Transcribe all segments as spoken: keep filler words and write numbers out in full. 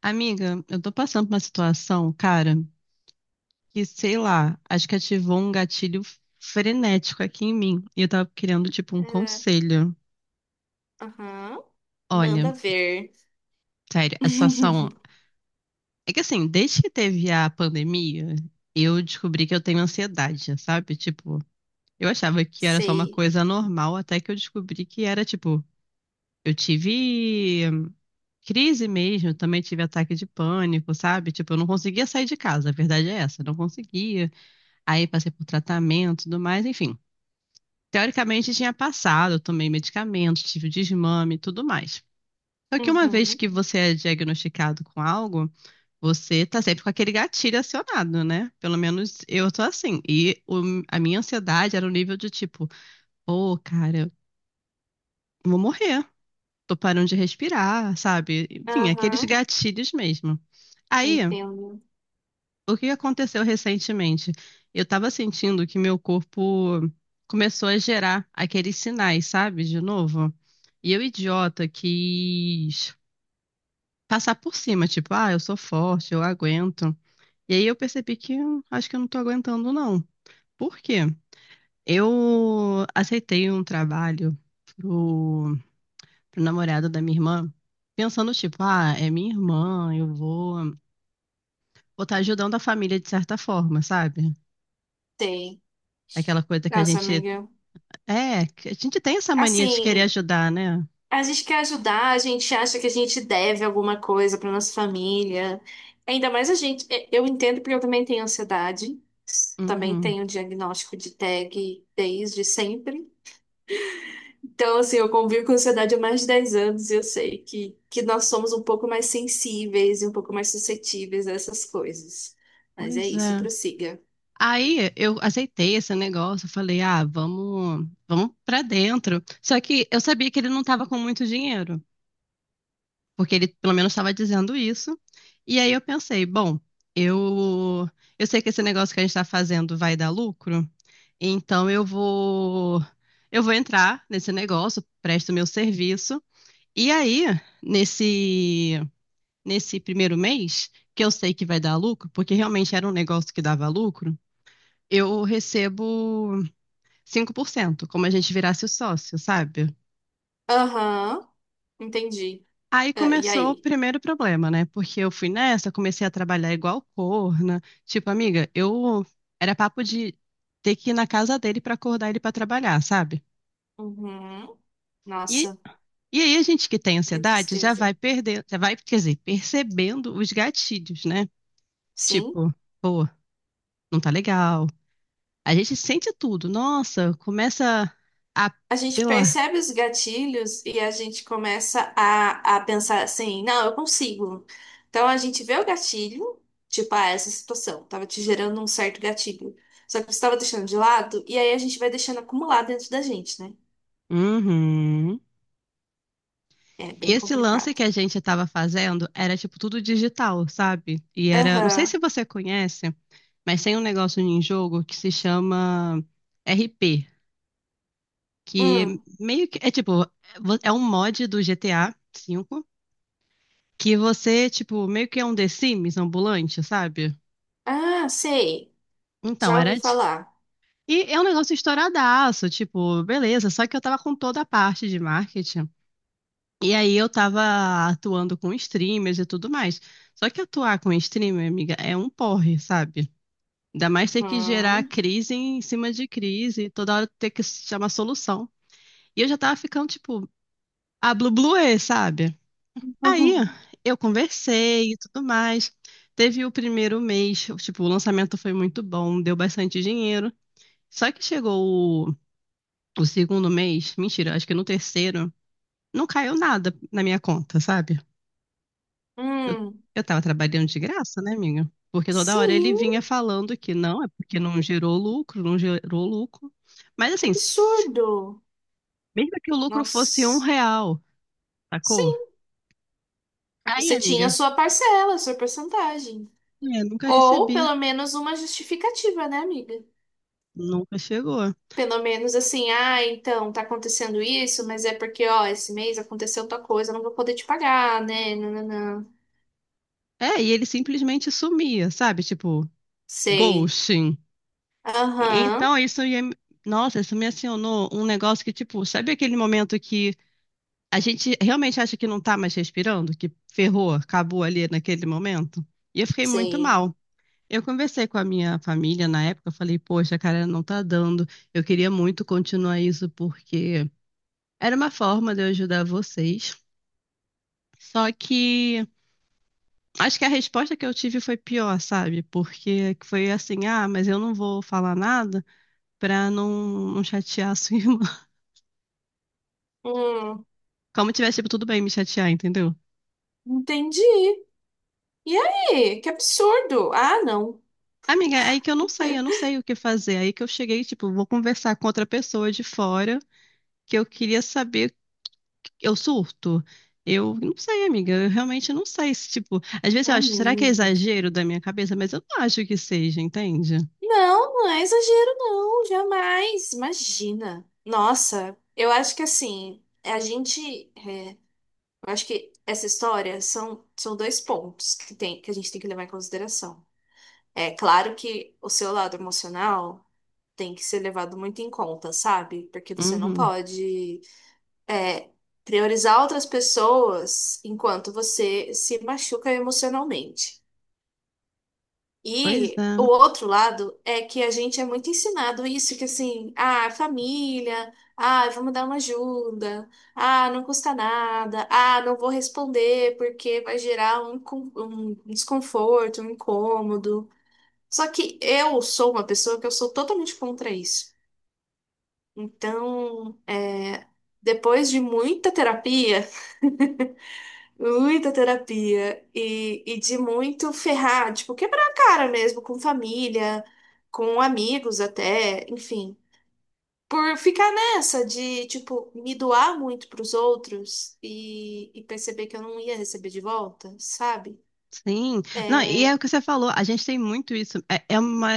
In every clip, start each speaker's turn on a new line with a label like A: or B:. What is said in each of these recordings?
A: Amiga, eu tô passando por uma situação, cara, que sei lá, acho que ativou um gatilho frenético aqui em mim. E eu tava querendo, tipo, um
B: É.
A: conselho.
B: Aham.
A: Olha,
B: Manda ver.
A: sério, a situação. É que assim, desde que teve a pandemia, eu descobri que eu tenho ansiedade, sabe? Tipo, eu achava que era só uma
B: Sei.
A: coisa normal, até que eu descobri que era, tipo, eu tive crise mesmo, também tive ataque de pânico, sabe? Tipo, eu não conseguia sair de casa, a verdade é essa, eu não conseguia. Aí passei por tratamento e tudo mais, enfim. Teoricamente tinha passado, eu tomei medicamentos, tive o desmame e tudo mais. Só que uma vez
B: Uhum.
A: que você é diagnosticado com algo, você tá sempre com aquele gatilho acionado, né? Pelo menos eu tô assim. E o- a minha ansiedade era o nível de tipo, ô, cara, eu vou morrer. Tô parando de respirar, sabe? Enfim, aqueles
B: Aham.
A: gatilhos mesmo. Aí,
B: Entendo.
A: o que aconteceu recentemente? Eu estava sentindo que meu corpo começou a gerar aqueles sinais, sabe? De novo. E eu, idiota, quis passar por cima, tipo, ah, eu sou forte, eu aguento. E aí eu percebi que hum, acho que eu não tô aguentando, não. Por quê? Eu aceitei um trabalho pro, pro namorado da minha irmã, pensando, tipo, ah, é minha irmã, eu vou, vou estar ajudando a família de certa forma, sabe?
B: Sei.
A: Aquela coisa que a
B: Nossa,
A: gente
B: amiga.
A: é, que a gente tem essa mania de querer
B: Assim,
A: ajudar, né?
B: a gente quer ajudar, a gente acha que a gente deve alguma coisa para nossa família. Ainda mais a gente. eh, Eu entendo porque eu também tenho ansiedade. Também
A: Uhum.
B: tenho diagnóstico de T A G desde sempre. Então, assim, eu convivo com ansiedade há mais de dez anos e eu sei que, que nós somos um pouco mais sensíveis e um pouco mais suscetíveis a essas coisas. Mas é
A: Pois
B: isso,
A: é.
B: prossiga.
A: Aí eu aceitei esse negócio, eu falei, ah, vamos, vamos para dentro. Só que eu sabia que ele não estava com muito dinheiro, porque ele pelo menos estava dizendo isso. E aí eu pensei, bom, eu, eu sei que esse negócio que a gente está fazendo vai dar lucro, então eu vou, eu vou entrar nesse negócio, presto meu serviço. E aí, nesse nesse primeiro mês, que eu sei que vai dar lucro, porque realmente era um negócio que dava lucro, eu recebo cinco por cento, como a gente virasse o sócio, sabe?
B: Aham, entendi.
A: Aí
B: Ah, e
A: começou o
B: aí?
A: primeiro problema, né? Porque eu fui nessa, comecei a trabalhar igual corna. Tipo, amiga, eu era papo de ter que ir na casa dele pra acordar ele pra trabalhar, sabe?
B: Uhum.
A: E,
B: Nossa,
A: e aí a gente que tem
B: que
A: ansiedade já
B: tristeza.
A: vai perder, já vai, quer dizer, percebendo os gatilhos, né?
B: Sim?
A: Tipo, pô, não tá legal. A gente sente tudo. Nossa, começa a,
B: A
A: sei
B: gente
A: lá.
B: percebe os gatilhos e a gente começa a, a pensar assim, não, eu consigo. Então a gente vê o gatilho, tipo, ah, essa situação estava te gerando um certo gatilho. Só que você estava deixando de lado, e aí a gente vai deixando acumular dentro da gente, né?
A: Uhum.
B: É
A: E
B: bem
A: esse lance
B: complicado.
A: que a gente estava fazendo era tipo tudo digital, sabe? E era, não sei
B: Aham.
A: se você conhece, mas tem um negócio em jogo que se chama R P, que
B: Hum.
A: meio que é tipo, é um mod do G T A vê que você, tipo, meio que é um The Sims ambulante, sabe?
B: Ah, sei.
A: Então,
B: Já ouvi
A: era. de-
B: falar.
A: E é um negócio estouradaço, tipo, beleza, só que eu tava com toda a parte de marketing. E aí eu tava atuando com streamers e tudo mais. Só que atuar com streamer, amiga, é um porre, sabe? Ainda mais ter que gerar
B: Hum.
A: crise em cima de crise, toda hora ter que chamar solução. E eu já tava ficando, tipo, a blu blu é, sabe? Aí eu conversei e tudo mais. Teve o primeiro mês, tipo, o lançamento foi muito bom, deu bastante dinheiro. Só que chegou o, o segundo mês, mentira, acho que no terceiro, não caiu nada na minha conta, sabe? Eu,
B: Hum.
A: eu tava trabalhando de graça, né, amiga? Porque toda hora ele
B: Sim,
A: vinha falando que não, é porque não gerou lucro, não gerou lucro. Mas
B: que
A: assim, s-
B: absurdo.
A: mesmo que o lucro fosse um
B: Nossa.
A: real, sacou?
B: Sim,
A: Aí,
B: você tinha a
A: amiga,
B: sua parcela, a sua porcentagem.
A: é, nunca
B: Ou
A: recebi,
B: pelo menos uma justificativa, né, amiga?
A: nunca chegou.
B: Pelo menos assim, ah, então tá acontecendo isso, mas é porque, ó, esse mês aconteceu tal coisa, eu não vou poder te pagar, né? Não, não, não.
A: É, e ele simplesmente sumia, sabe? Tipo,
B: Sei.
A: ghosting.
B: Aham,
A: Então, isso ia. me- Nossa, isso me acionou um negócio que, tipo, sabe aquele momento que a gente realmente acha que não tá mais respirando, que ferrou, acabou ali naquele momento. E eu fiquei muito
B: sei.
A: mal. Eu conversei com a minha família na época, eu falei, poxa, cara, não tá dando. Eu queria muito continuar isso porque era uma forma de eu ajudar vocês. Só que acho que a resposta que eu tive foi pior, sabe? Porque foi assim, ah, mas eu não vou falar nada pra não, não chatear a sua irmã.
B: Hum,
A: Como tivesse, tipo, tudo bem me chatear, entendeu?
B: entendi. E aí? Que absurdo. Ah, não.
A: Amiga, é aí que eu não sei, eu não sei o que fazer. É aí que eu cheguei, tipo, vou conversar com outra pessoa de fora, que eu queria saber, eu surto. Eu não sei, amiga, eu realmente não sei se, tipo, às vezes eu acho, será que é
B: Amiga.
A: exagero da minha cabeça? Mas eu não acho que seja, entende?
B: Não, não é exagero, não, jamais. Imagina. Nossa, eu acho que assim, a gente. Eu acho que essa história são, são dois pontos que tem, que a gente tem que levar em consideração. É claro que o seu lado emocional tem que ser levado muito em conta, sabe? Porque você não
A: Uhum.
B: pode é, priorizar outras pessoas enquanto você se machuca emocionalmente.
A: Pois
B: E o
A: é.
B: outro lado é que a gente é muito ensinado isso, que assim, ah, família, ah, vamos dar uma ajuda, ah, não custa nada, ah, não vou responder porque vai gerar um, con- um desconforto, um incômodo. Só que eu sou uma pessoa que eu sou totalmente contra isso. Então, é, depois de muita terapia, muita terapia e, e de muito ferrar, tipo, quebrar a cara mesmo com família, com amigos até, enfim. Por ficar nessa de, tipo, me doar muito pros outros e, e perceber que eu não ia receber de volta, sabe?
A: Sim. Não, e é
B: É,
A: o que você falou, a gente tem muito isso. É, é uma,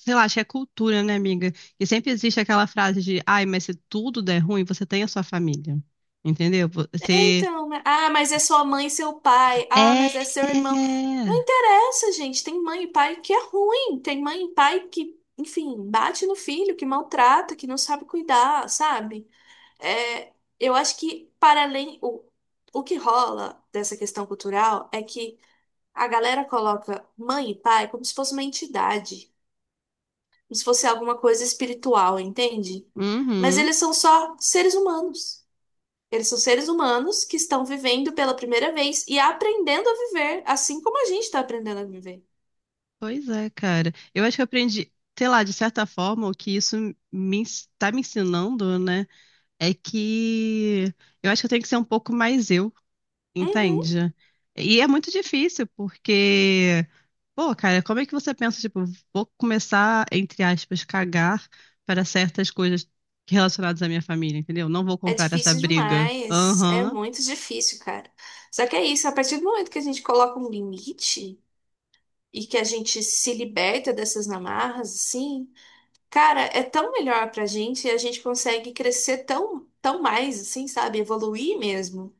A: sei lá, acho que é cultura, né, amiga? E sempre existe aquela frase de, ai, mas se tudo der ruim, você tem a sua família. Entendeu?
B: é
A: Você
B: então, né? Ah, mas é sua mãe e seu pai, ah, mas
A: é.
B: é seu irmão. Não interessa, gente, tem mãe e pai que é ruim, tem mãe e pai que, enfim, bate no filho, que maltrata, que não sabe cuidar, sabe? É, eu acho que para além o, o que rola dessa questão cultural é que a galera coloca mãe e pai como se fosse uma entidade, como se fosse alguma coisa espiritual, entende? Mas
A: Uhum.
B: eles são só seres humanos. Eles são seres humanos que estão vivendo pela primeira vez e aprendendo a viver, assim como a gente está aprendendo a viver.
A: Pois é, cara. Eu acho que eu aprendi, sei lá, de certa forma, o que isso me ens- tá me ensinando, né? É que eu acho que eu tenho que ser um pouco mais eu,
B: Uhum.
A: entende? E é muito difícil, porque, pô, cara, como é que você pensa, tipo, vou começar, entre aspas, cagar para certas coisas relacionadas à minha família, entendeu? Não vou
B: É
A: comprar essa
B: difícil
A: briga.
B: demais, é
A: Aham.
B: muito difícil, cara. Só que é isso, a partir do momento que a gente coloca um limite e que a gente se liberta dessas amarras, assim, cara, é tão melhor pra gente e a gente consegue crescer tão, tão mais, assim, sabe? Evoluir mesmo.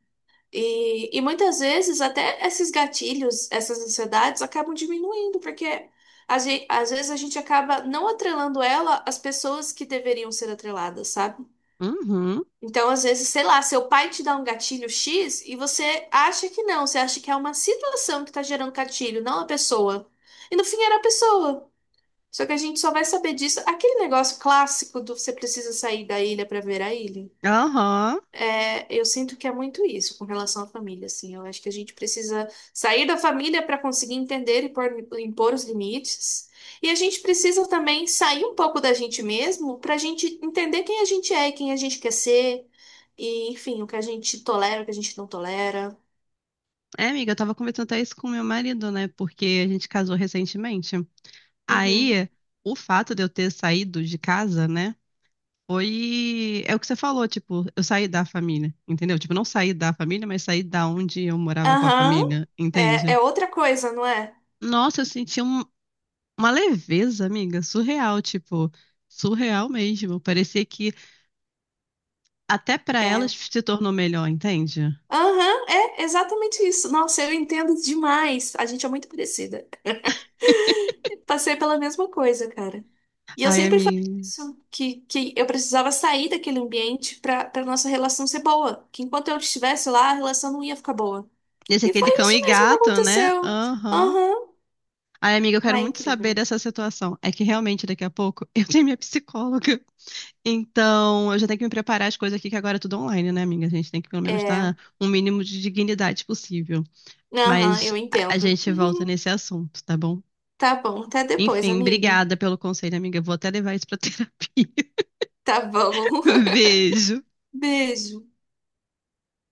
B: E, e muitas vezes até esses gatilhos, essas ansiedades acabam diminuindo, porque a gente, às vezes a gente acaba não atrelando ela às pessoas que deveriam ser atreladas, sabe?
A: Uhum.
B: Então, às vezes, sei lá, seu pai te dá um gatilho xis e você acha que não, você acha que é uma situação que tá gerando gatilho, não a pessoa. E no fim era a pessoa. Só que a gente só vai saber disso. Aquele negócio clássico do você precisa sair da ilha para ver a ilha.
A: Aham.
B: É, eu sinto que é muito isso com relação à família, assim. Eu acho que a gente precisa sair da família para conseguir entender e pôr- impor os limites. E a gente precisa também sair um pouco da gente mesmo para a gente entender quem a gente é, e quem a gente quer ser, e enfim, o que a gente tolera, o que a gente não tolera.
A: É, amiga, eu tava conversando até isso com meu marido, né? Porque a gente casou recentemente.
B: Uhum.
A: Aí, o fato de eu ter saído de casa, né? Foi. É o que você falou, tipo, eu saí da família, entendeu? Tipo, não saí da família, mas saí da onde eu morava com a
B: Aham.
A: família,
B: É,
A: entende?
B: é outra coisa, não é?
A: Nossa, eu senti um- uma leveza, amiga, surreal, tipo, surreal mesmo. Parecia que até pra elas
B: É.
A: se tornou melhor, entende?
B: Aham, é exatamente isso. Nossa, eu entendo demais. A gente é muito parecida. Passei pela mesma coisa, cara. E eu
A: Ai,
B: sempre falei
A: amiga.
B: isso, que, que eu precisava sair daquele ambiente pra para nossa relação ser boa. Que enquanto eu estivesse lá, a relação não ia ficar boa.
A: Esse é
B: E foi
A: aquele cão
B: isso
A: e
B: mesmo que
A: gato, né?
B: aconteceu.
A: Aham.
B: Aham.
A: Ai, amiga, eu quero
B: Ai,
A: muito saber
B: incrível.
A: dessa situação. É que realmente daqui a pouco eu tenho minha psicóloga. Então, eu já tenho que me preparar as coisas aqui, que agora é tudo online, né, amiga? A gente tem que pelo menos
B: É,
A: estar um mínimo de dignidade possível.
B: aham,
A: Mas
B: eu
A: a a
B: entendo.
A: gente volta nesse assunto, tá bom?
B: Tá bom, até depois,
A: Enfim,
B: amiga.
A: obrigada pelo conselho, amiga. Eu vou até levar isso pra terapia.
B: Tá bom.
A: Beijo.
B: Beijo.